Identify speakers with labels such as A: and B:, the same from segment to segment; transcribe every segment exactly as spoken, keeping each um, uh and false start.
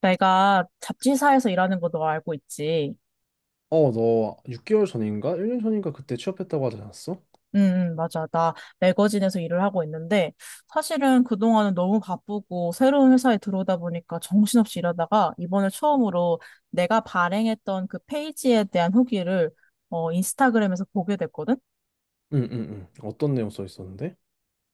A: 내가 잡지사에서 일하는 거 너 알고 있지?
B: 어, 너 육 개월 전인가? 일 년 전인가 그때 취업했다고 하지 않았어?
A: 응, 응, 맞아. 나 매거진에서 일을 하고 있는데, 사실은 그동안은 너무 바쁘고, 새로운 회사에 들어오다 보니까 정신없이 일하다가, 이번에 처음으로 내가 발행했던 그 페이지에 대한 후기를, 어, 인스타그램에서 보게 됐거든?
B: 응, 응, 응. 어떤 내용 써 있었는데?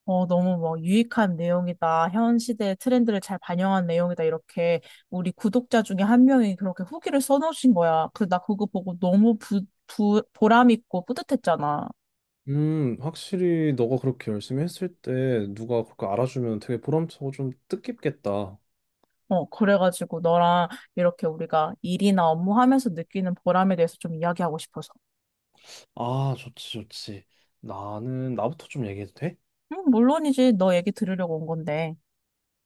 A: 어, 너무 뭐 유익한 내용이다. 현 시대의 트렌드를 잘 반영한 내용이다. 이렇게 우리 구독자 중에 한 명이 그렇게 후기를 써놓으신 거야. 그, 나 그거 보고 너무 부, 부, 보람 있고 뿌듯했잖아.
B: 음, 확실히 너가 그렇게 열심히 했을 때 누가 그렇게 알아주면 되게 보람차고 좀 뜻깊겠다.
A: 어, 그래가지고 너랑 이렇게 우리가 일이나 업무하면서 느끼는 보람에 대해서 좀 이야기하고 싶어서.
B: 아, 좋지, 좋지. 나는 나부터 좀 얘기해도 돼?
A: 음, 물론이지. 너 얘기 들으려고 온 건데.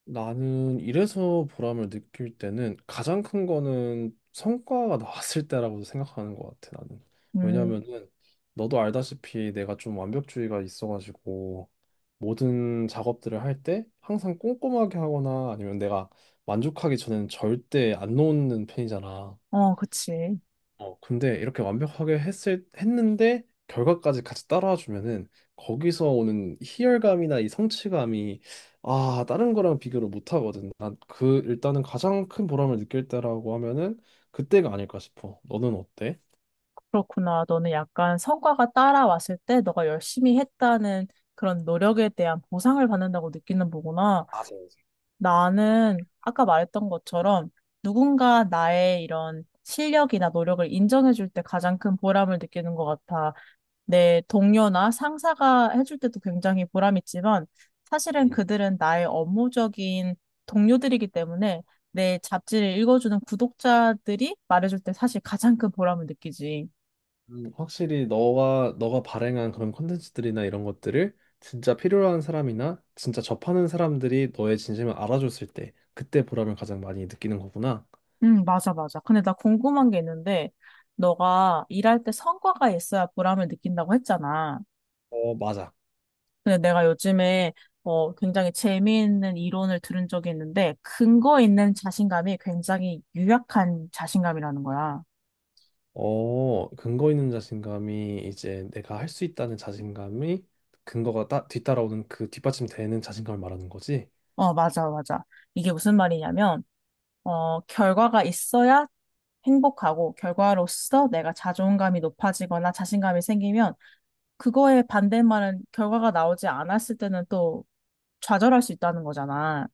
B: 나는 이래서 보람을 느낄 때는 가장 큰 거는 성과가 나왔을 때라고 생각하는 것 같아, 나는.
A: 음,
B: 왜냐면은 너도 알다시피 내가 좀 완벽주의가 있어가지고, 모든 작업들을 할 때 항상 꼼꼼하게 하거나 아니면 내가 만족하기 전에는 절대 안 놓는 편이잖아.
A: 어, 그치.
B: 어, 근데 이렇게 완벽하게 했을 했는데 결과까지 같이 따라와 주면은, 거기서 오는 희열감이나 이 성취감이, 아 다른 거랑 비교를 못 하거든. 난 그 일단은 가장 큰 보람을 느낄 때라고 하면은 그때가 아닐까 싶어. 너는 어때?
A: 그렇구나. 너는 약간 성과가 따라왔을 때 너가 열심히 했다는 그런 노력에 대한 보상을 받는다고 느끼는 거구나.
B: 맞아요.
A: 나는 아까 말했던 것처럼 누군가 나의 이런 실력이나 노력을 인정해줄 때 가장 큰 보람을 느끼는 것 같아. 내 동료나 상사가 해줄 때도 굉장히 보람있지만 사실은
B: 음.
A: 그들은 나의 업무적인 동료들이기 때문에 내 잡지를 읽어주는 구독자들이 말해줄 때 사실 가장 큰 보람을 느끼지.
B: 음, 확실히 너가 너가 발행한 그런 콘텐츠들이나 이런 것들을 진짜 필요한 사람이나 진짜 접하는 사람들이 너의 진심을 알아줬을 때, 그때 보람을 가장 많이 느끼는 거구나.
A: 응, 맞아, 맞아. 근데 나 궁금한 게 있는데 너가 일할 때 성과가 있어야 보람을 느낀다고 했잖아.
B: 어, 맞아.
A: 근데 내가 요즘에 어, 굉장히 재미있는 이론을 들은 적이 있는데 근거 있는 자신감이 굉장히 유약한 자신감이라는 거야.
B: 어, 근거 있는 자신감이 이제 내가 할 수 있다는 자신감이, 근거가 따, 뒤따라오는, 그 뒷받침되는 자신감을 말하는 거지.
A: 어, 맞아, 맞아. 이게 무슨 말이냐면, 어, 결과가 있어야 행복하고, 결과로서 내가 자존감이 높아지거나 자신감이 생기면, 그거에 반대말은 결과가 나오지 않았을 때는 또 좌절할 수 있다는 거잖아.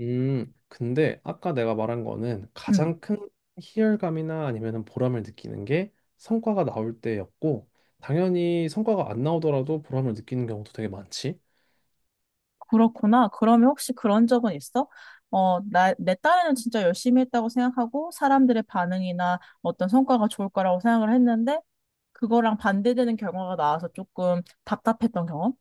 B: 음, 근데 아까 내가 말한 거는
A: 음,
B: 가장 큰 희열감이나 아니면은 보람을 느끼는 게 성과가 나올 때였고, 당연히 성과가 안 나오더라도 보람을 느끼는 경우도 되게 많지.
A: 그렇구나. 그러면 혹시 그런 적은 있어? 어, 나, 내 딸은 진짜 열심히 했다고 생각하고, 사람들의 반응이나 어떤 성과가 좋을 거라고 생각을 했는데, 그거랑 반대되는 결과가 나와서 조금 답답했던 경험?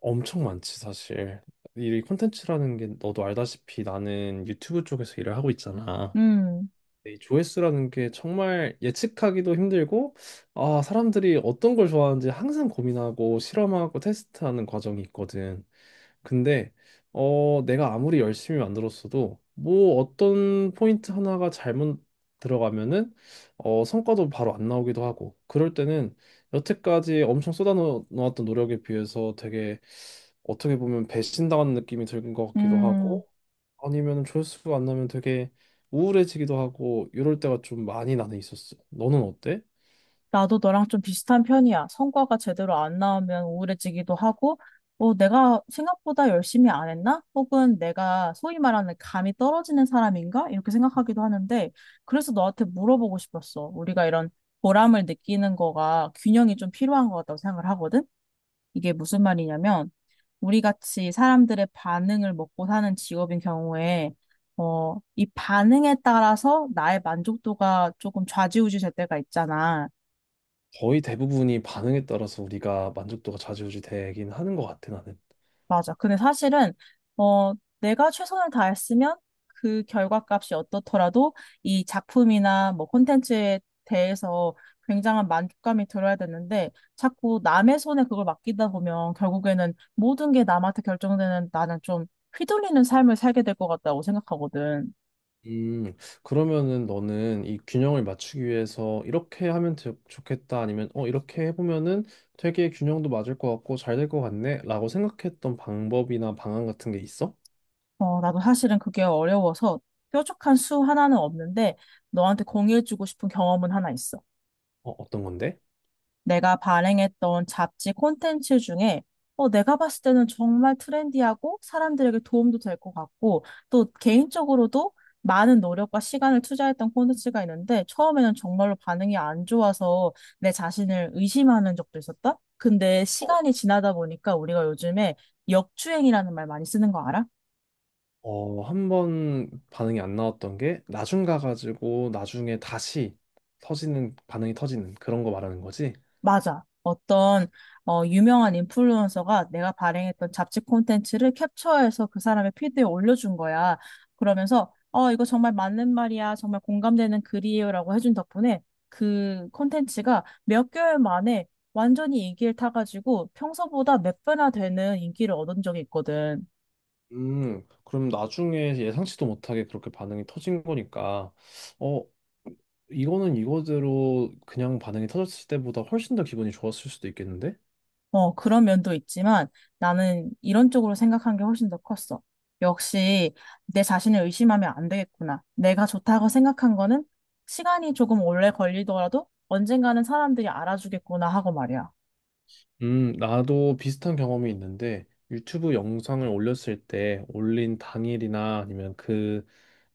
B: 엄청 많지, 사실. 이 콘텐츠라는 게 너도 알다시피 나는 유튜브 쪽에서 일을 하고 있잖아.
A: 음,
B: 이 조회수라는 게 정말 예측하기도 힘들고, 아, 사람들이 어떤 걸 좋아하는지 항상 고민하고 실험하고 테스트하는 과정이 있거든. 근데 어 내가 아무리 열심히 만들었어도 뭐 어떤 포인트 하나가 잘못 들어가면은, 어 성과도 바로 안 나오기도 하고, 그럴 때는 여태까지 엄청 쏟아놓았던 노력에 비해서, 되게 어떻게 보면 배신당한 느낌이 드는 것 같기도
A: 음.
B: 하고, 아니면 조회수가 안 나면 되게 우울해지기도 하고, 이럴 때가 좀 많이 나는 있었어. 너는 어때?
A: 나도 너랑 좀 비슷한 편이야. 성과가 제대로 안 나오면 우울해지기도 하고, 어, 내가 생각보다 열심히 안 했나? 혹은 내가 소위 말하는 감이 떨어지는 사람인가? 이렇게 생각하기도 하는데, 그래서 너한테 물어보고 싶었어. 우리가 이런 보람을 느끼는 거가 균형이 좀 필요한 것 같다고 생각을 하거든? 이게 무슨 말이냐면, 우리 같이 사람들의 반응을 먹고 사는 직업인 경우에, 어, 이 반응에 따라서 나의 만족도가 조금 좌지우지 될 때가 있잖아.
B: 거의 대부분이 반응에 따라서 우리가 만족도가 좌지우지 되긴 하는 것 같아, 나는.
A: 맞아. 근데 사실은, 어, 내가 최선을 다했으면 그 결과값이 어떻더라도 이 작품이나 뭐 콘텐츠에 대해서 굉장한 만족감이 들어야 되는데 자꾸 남의 손에 그걸 맡기다 보면 결국에는 모든 게 남한테 결정되는 나는 좀 휘둘리는 삶을 살게 될 것 같다고 생각하거든.
B: 음, 그러면은 너는 이 균형을 맞추기 위해서, 이렇게 하면 되- 좋겠다 아니면 어 이렇게 해보면은 되게 균형도 맞을 것 같고 잘 될 것 같네라고 생각했던 방법이나 방안 같은 게 있어?
A: 어, 나도 사실은 그게 어려워서 뾰족한 수 하나는 없는데 너한테 공유해주고 싶은 경험은 하나 있어.
B: 어, 어떤 건데?
A: 내가 발행했던 잡지 콘텐츠 중에 어, 내가 봤을 때는 정말 트렌디하고 사람들에게 도움도 될 것 같고 또 개인적으로도 많은 노력과 시간을 투자했던 콘텐츠가 있는데 처음에는 정말로 반응이 안 좋아서 내 자신을 의심하는 적도 있었다. 근데
B: 어,
A: 시간이 지나다 보니까 우리가 요즘에 역주행이라는 말 많이 쓰는 거 알아?
B: 어, 한 번 반응이 안 나왔던 게 나중 가가지고, 나중에 다시 터지는, 반응이 터지는, 그런 거 말하는 거지?
A: 맞아. 어떤 어, 유명한 인플루언서가 내가 발행했던 잡지 콘텐츠를 캡처해서 그 사람의 피드에 올려준 거야. 그러면서 어, 이거 정말 맞는 말이야. 정말 공감되는 글이에요라고 해준 덕분에 그 콘텐츠가 몇 개월 만에 완전히 인기를 타가지고 평소보다 몇 배나 되는 인기를 얻은 적이 있거든.
B: 음, 그럼 나중에 예상치도 못하게 그렇게 반응이 터진 거니까, 어, 이거는 이거대로 그냥 반응이 터졌을 때보다 훨씬 더 기분이 좋았을 수도 있겠는데?
A: 어, 그런 면도 있지만 나는 이런 쪽으로 생각한 게 훨씬 더 컸어. 역시 내 자신을 의심하면 안 되겠구나. 내가 좋다고 생각한 거는 시간이 조금 오래 걸리더라도 언젠가는 사람들이 알아주겠구나 하고 말이야.
B: 음, 나도 비슷한 경험이 있는데, 유튜브 영상을 올렸을 때, 올린 당일이나 아니면 그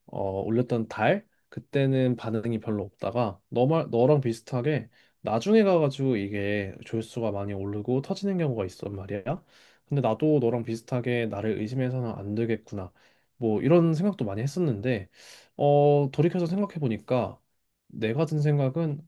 B: 어, 올렸던 달 그때는 반응이 별로 없다가, 너말 너랑 비슷하게 나중에 가가지고 이게 조회수가 많이 오르고 터지는 경우가 있단 말이야. 근데 나도 너랑 비슷하게 나를 의심해서는 안 되겠구나, 뭐 이런 생각도 많이 했었는데, 어, 돌이켜서 생각해 보니까 내가 든 생각은,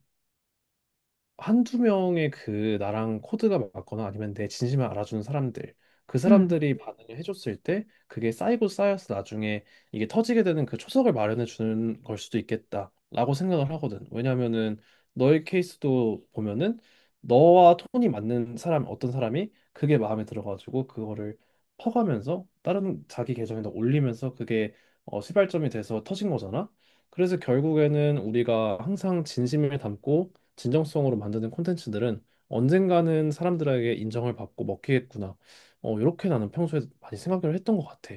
B: 한두 명의 그 나랑 코드가 맞거나 아니면 내 진심을 알아주는 사람들, 그
A: 음.
B: 사람들이 반응을 해줬을 때 그게 쌓이고 쌓여서, 나중에 이게 터지게 되는 그 초석을 마련해 주는 걸 수도 있겠다라고 생각을 하거든. 왜냐면은 너의 케이스도 보면은, 너와 톤이 맞는 사람, 어떤 사람이 그게 마음에 들어가지고 그거를 퍼가면서 다른 자기 계정에다 올리면서, 그게 어, 시발점이 돼서 터진 거잖아. 그래서 결국에는 우리가 항상 진심을 담고 진정성으로 만드는 콘텐츠들은 언젠가는 사람들에게 인정을 받고 먹히겠구나, 어, 이렇게 나는 평소에 많이 생각을 했던 것 같아.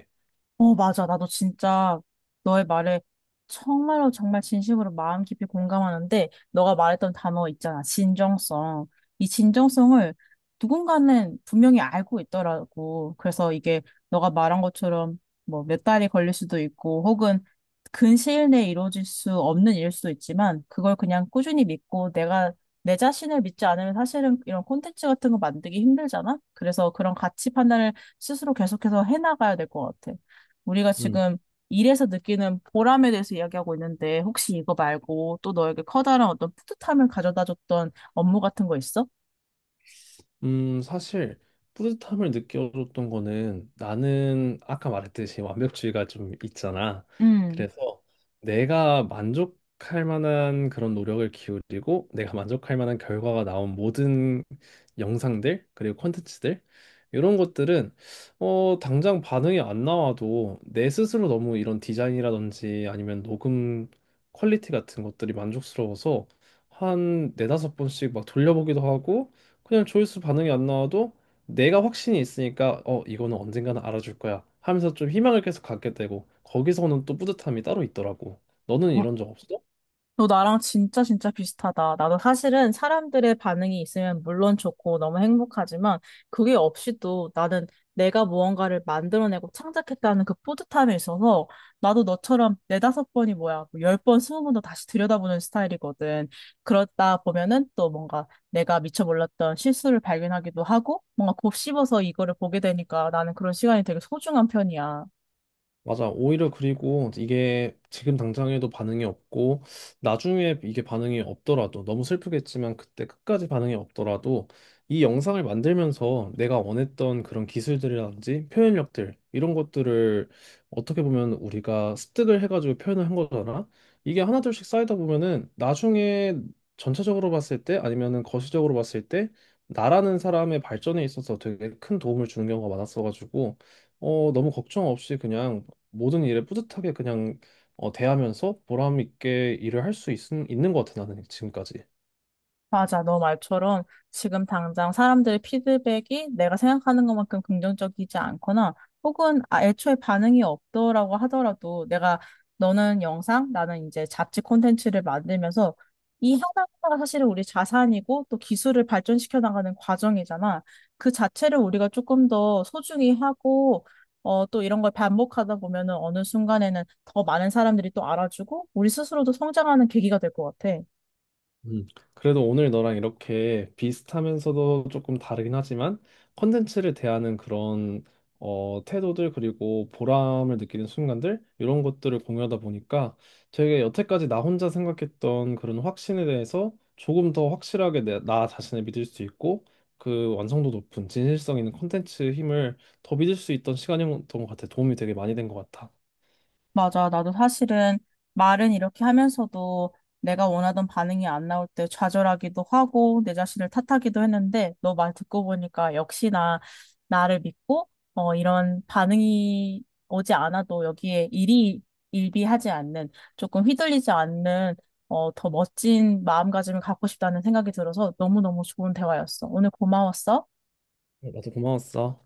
A: 어, 맞아. 나도 진짜 너의 말에 정말로 정말 진심으로 마음 깊이 공감하는데, 너가 말했던 단어 있잖아. 진정성. 이 진정성을 누군가는 분명히 알고 있더라고. 그래서 이게 너가 말한 것처럼 뭐 몇 달이 걸릴 수도 있고, 혹은 근시일 내에 이루어질 수 없는 일일 수도 있지만, 그걸 그냥 꾸준히 믿고 내가 내 자신을 믿지 않으면 사실은 이런 콘텐츠 같은 거 만들기 힘들잖아? 그래서 그런 가치 판단을 스스로 계속해서 해나가야 될 것 같아. 우리가
B: 음.
A: 지금 일에서 느끼는 보람에 대해서 이야기하고 있는데, 혹시 이거 말고 또 너에게 커다란 어떤 뿌듯함을 가져다 줬던 업무 같은 거 있어?
B: 음, 사실 뿌듯함을 느껴줬던 거는, 나는 아까 말했듯이 완벽주의가 좀 있잖아.
A: 음.
B: 그래서 내가 만족할 만한 그런 노력을 기울이고, 내가 만족할 만한 결과가 나온 모든 영상들 그리고 콘텐츠들, 이런 것들은 어, 당장 반응이 안 나와도 내 스스로 너무 이런 디자인이라든지 아니면 녹음 퀄리티 같은 것들이 만족스러워서 한 네다섯 번씩 막 돌려보기도 하고, 그냥 조회수 반응이 안 나와도 내가 확신이 있으니까 어 이거는 언젠가는 알아줄 거야 하면서 좀 희망을 계속 갖게 되고, 거기서는 또 뿌듯함이 따로 있더라고. 너는
A: 아,
B: 이런 적 없어?
A: 너 나랑 진짜 진짜 비슷하다. 나도 사실은 사람들의 반응이 있으면 물론 좋고 너무 행복하지만 그게 없이도 나는 내가 무언가를 만들어내고 창작했다는 그 뿌듯함에 있어서 나도 너처럼 네다섯 번이 뭐야, 뭐 열 번, 스무 번 더 다시 들여다보는 스타일이거든. 그러다 보면은 또 뭔가 내가 미처 몰랐던 실수를 발견하기도 하고 뭔가 곱씹어서 이거를 보게 되니까 나는 그런 시간이 되게 소중한 편이야.
B: 맞아. 오히려, 그리고 이게 지금 당장에도 반응이 없고 나중에 이게 반응이 없더라도 너무 슬프겠지만, 그때 끝까지 반응이 없더라도 이 영상을 만들면서 내가 원했던 그런 기술들이라든지 표현력들, 이런 것들을 어떻게 보면 우리가 습득을 해가지고 표현을 한 거잖아. 이게 하나둘씩 쌓이다 보면은 나중에 전체적으로 봤을 때, 아니면은 거시적으로 봤을 때 나라는 사람의 발전에 있어서 되게 큰 도움을 주는 경우가 많았어가지고, 어, 너무 걱정 없이 그냥 모든 일에 뿌듯하게 그냥 어, 대하면서 보람 있게 일을 할 수 있는 것 같아, 나는 지금까지.
A: 맞아. 너 말처럼 지금 당장 사람들의 피드백이 내가 생각하는 것만큼 긍정적이지 않거나 혹은 아, 애초에 반응이 없더라고 하더라도 내가 너는 영상, 나는 이제 잡지 콘텐츠를 만들면서 이 하나하나가 사실은 우리 자산이고 또 기술을 발전시켜 나가는 과정이잖아. 그 자체를 우리가 조금 더 소중히 하고 어, 또 이런 걸 반복하다 보면은 어느 순간에는 더 많은 사람들이 또 알아주고 우리 스스로도 성장하는 계기가 될 것 같아.
B: 음, 그래도 오늘 너랑 이렇게 비슷하면서도 조금 다르긴 하지만, 컨텐츠를 대하는 그런 어, 태도들 그리고 보람을 느끼는 순간들, 이런 것들을 공유하다 보니까, 되게 여태까지 나 혼자 생각했던 그런 확신에 대해서 조금 더 확실하게 내, 나 자신을 믿을 수 있고, 그 완성도 높은 진실성 있는 컨텐츠 힘을 더 믿을 수 있던 시간이었던 것 같아. 도움이 되게 많이 된 것 같아.
A: 맞아. 나도 사실은 말은 이렇게 하면서도 내가 원하던 반응이 안 나올 때 좌절하기도 하고 내 자신을 탓하기도 했는데 너 말 듣고 보니까 역시나 나를 믿고 어, 이런 반응이 오지 않아도 여기에 일이 일비하지 않는 조금 휘둘리지 않는 어, 더 멋진 마음가짐을 갖고 싶다는 생각이 들어서 너무너무 좋은 대화였어. 오늘 고마웠어.
B: 나도 고마웠어.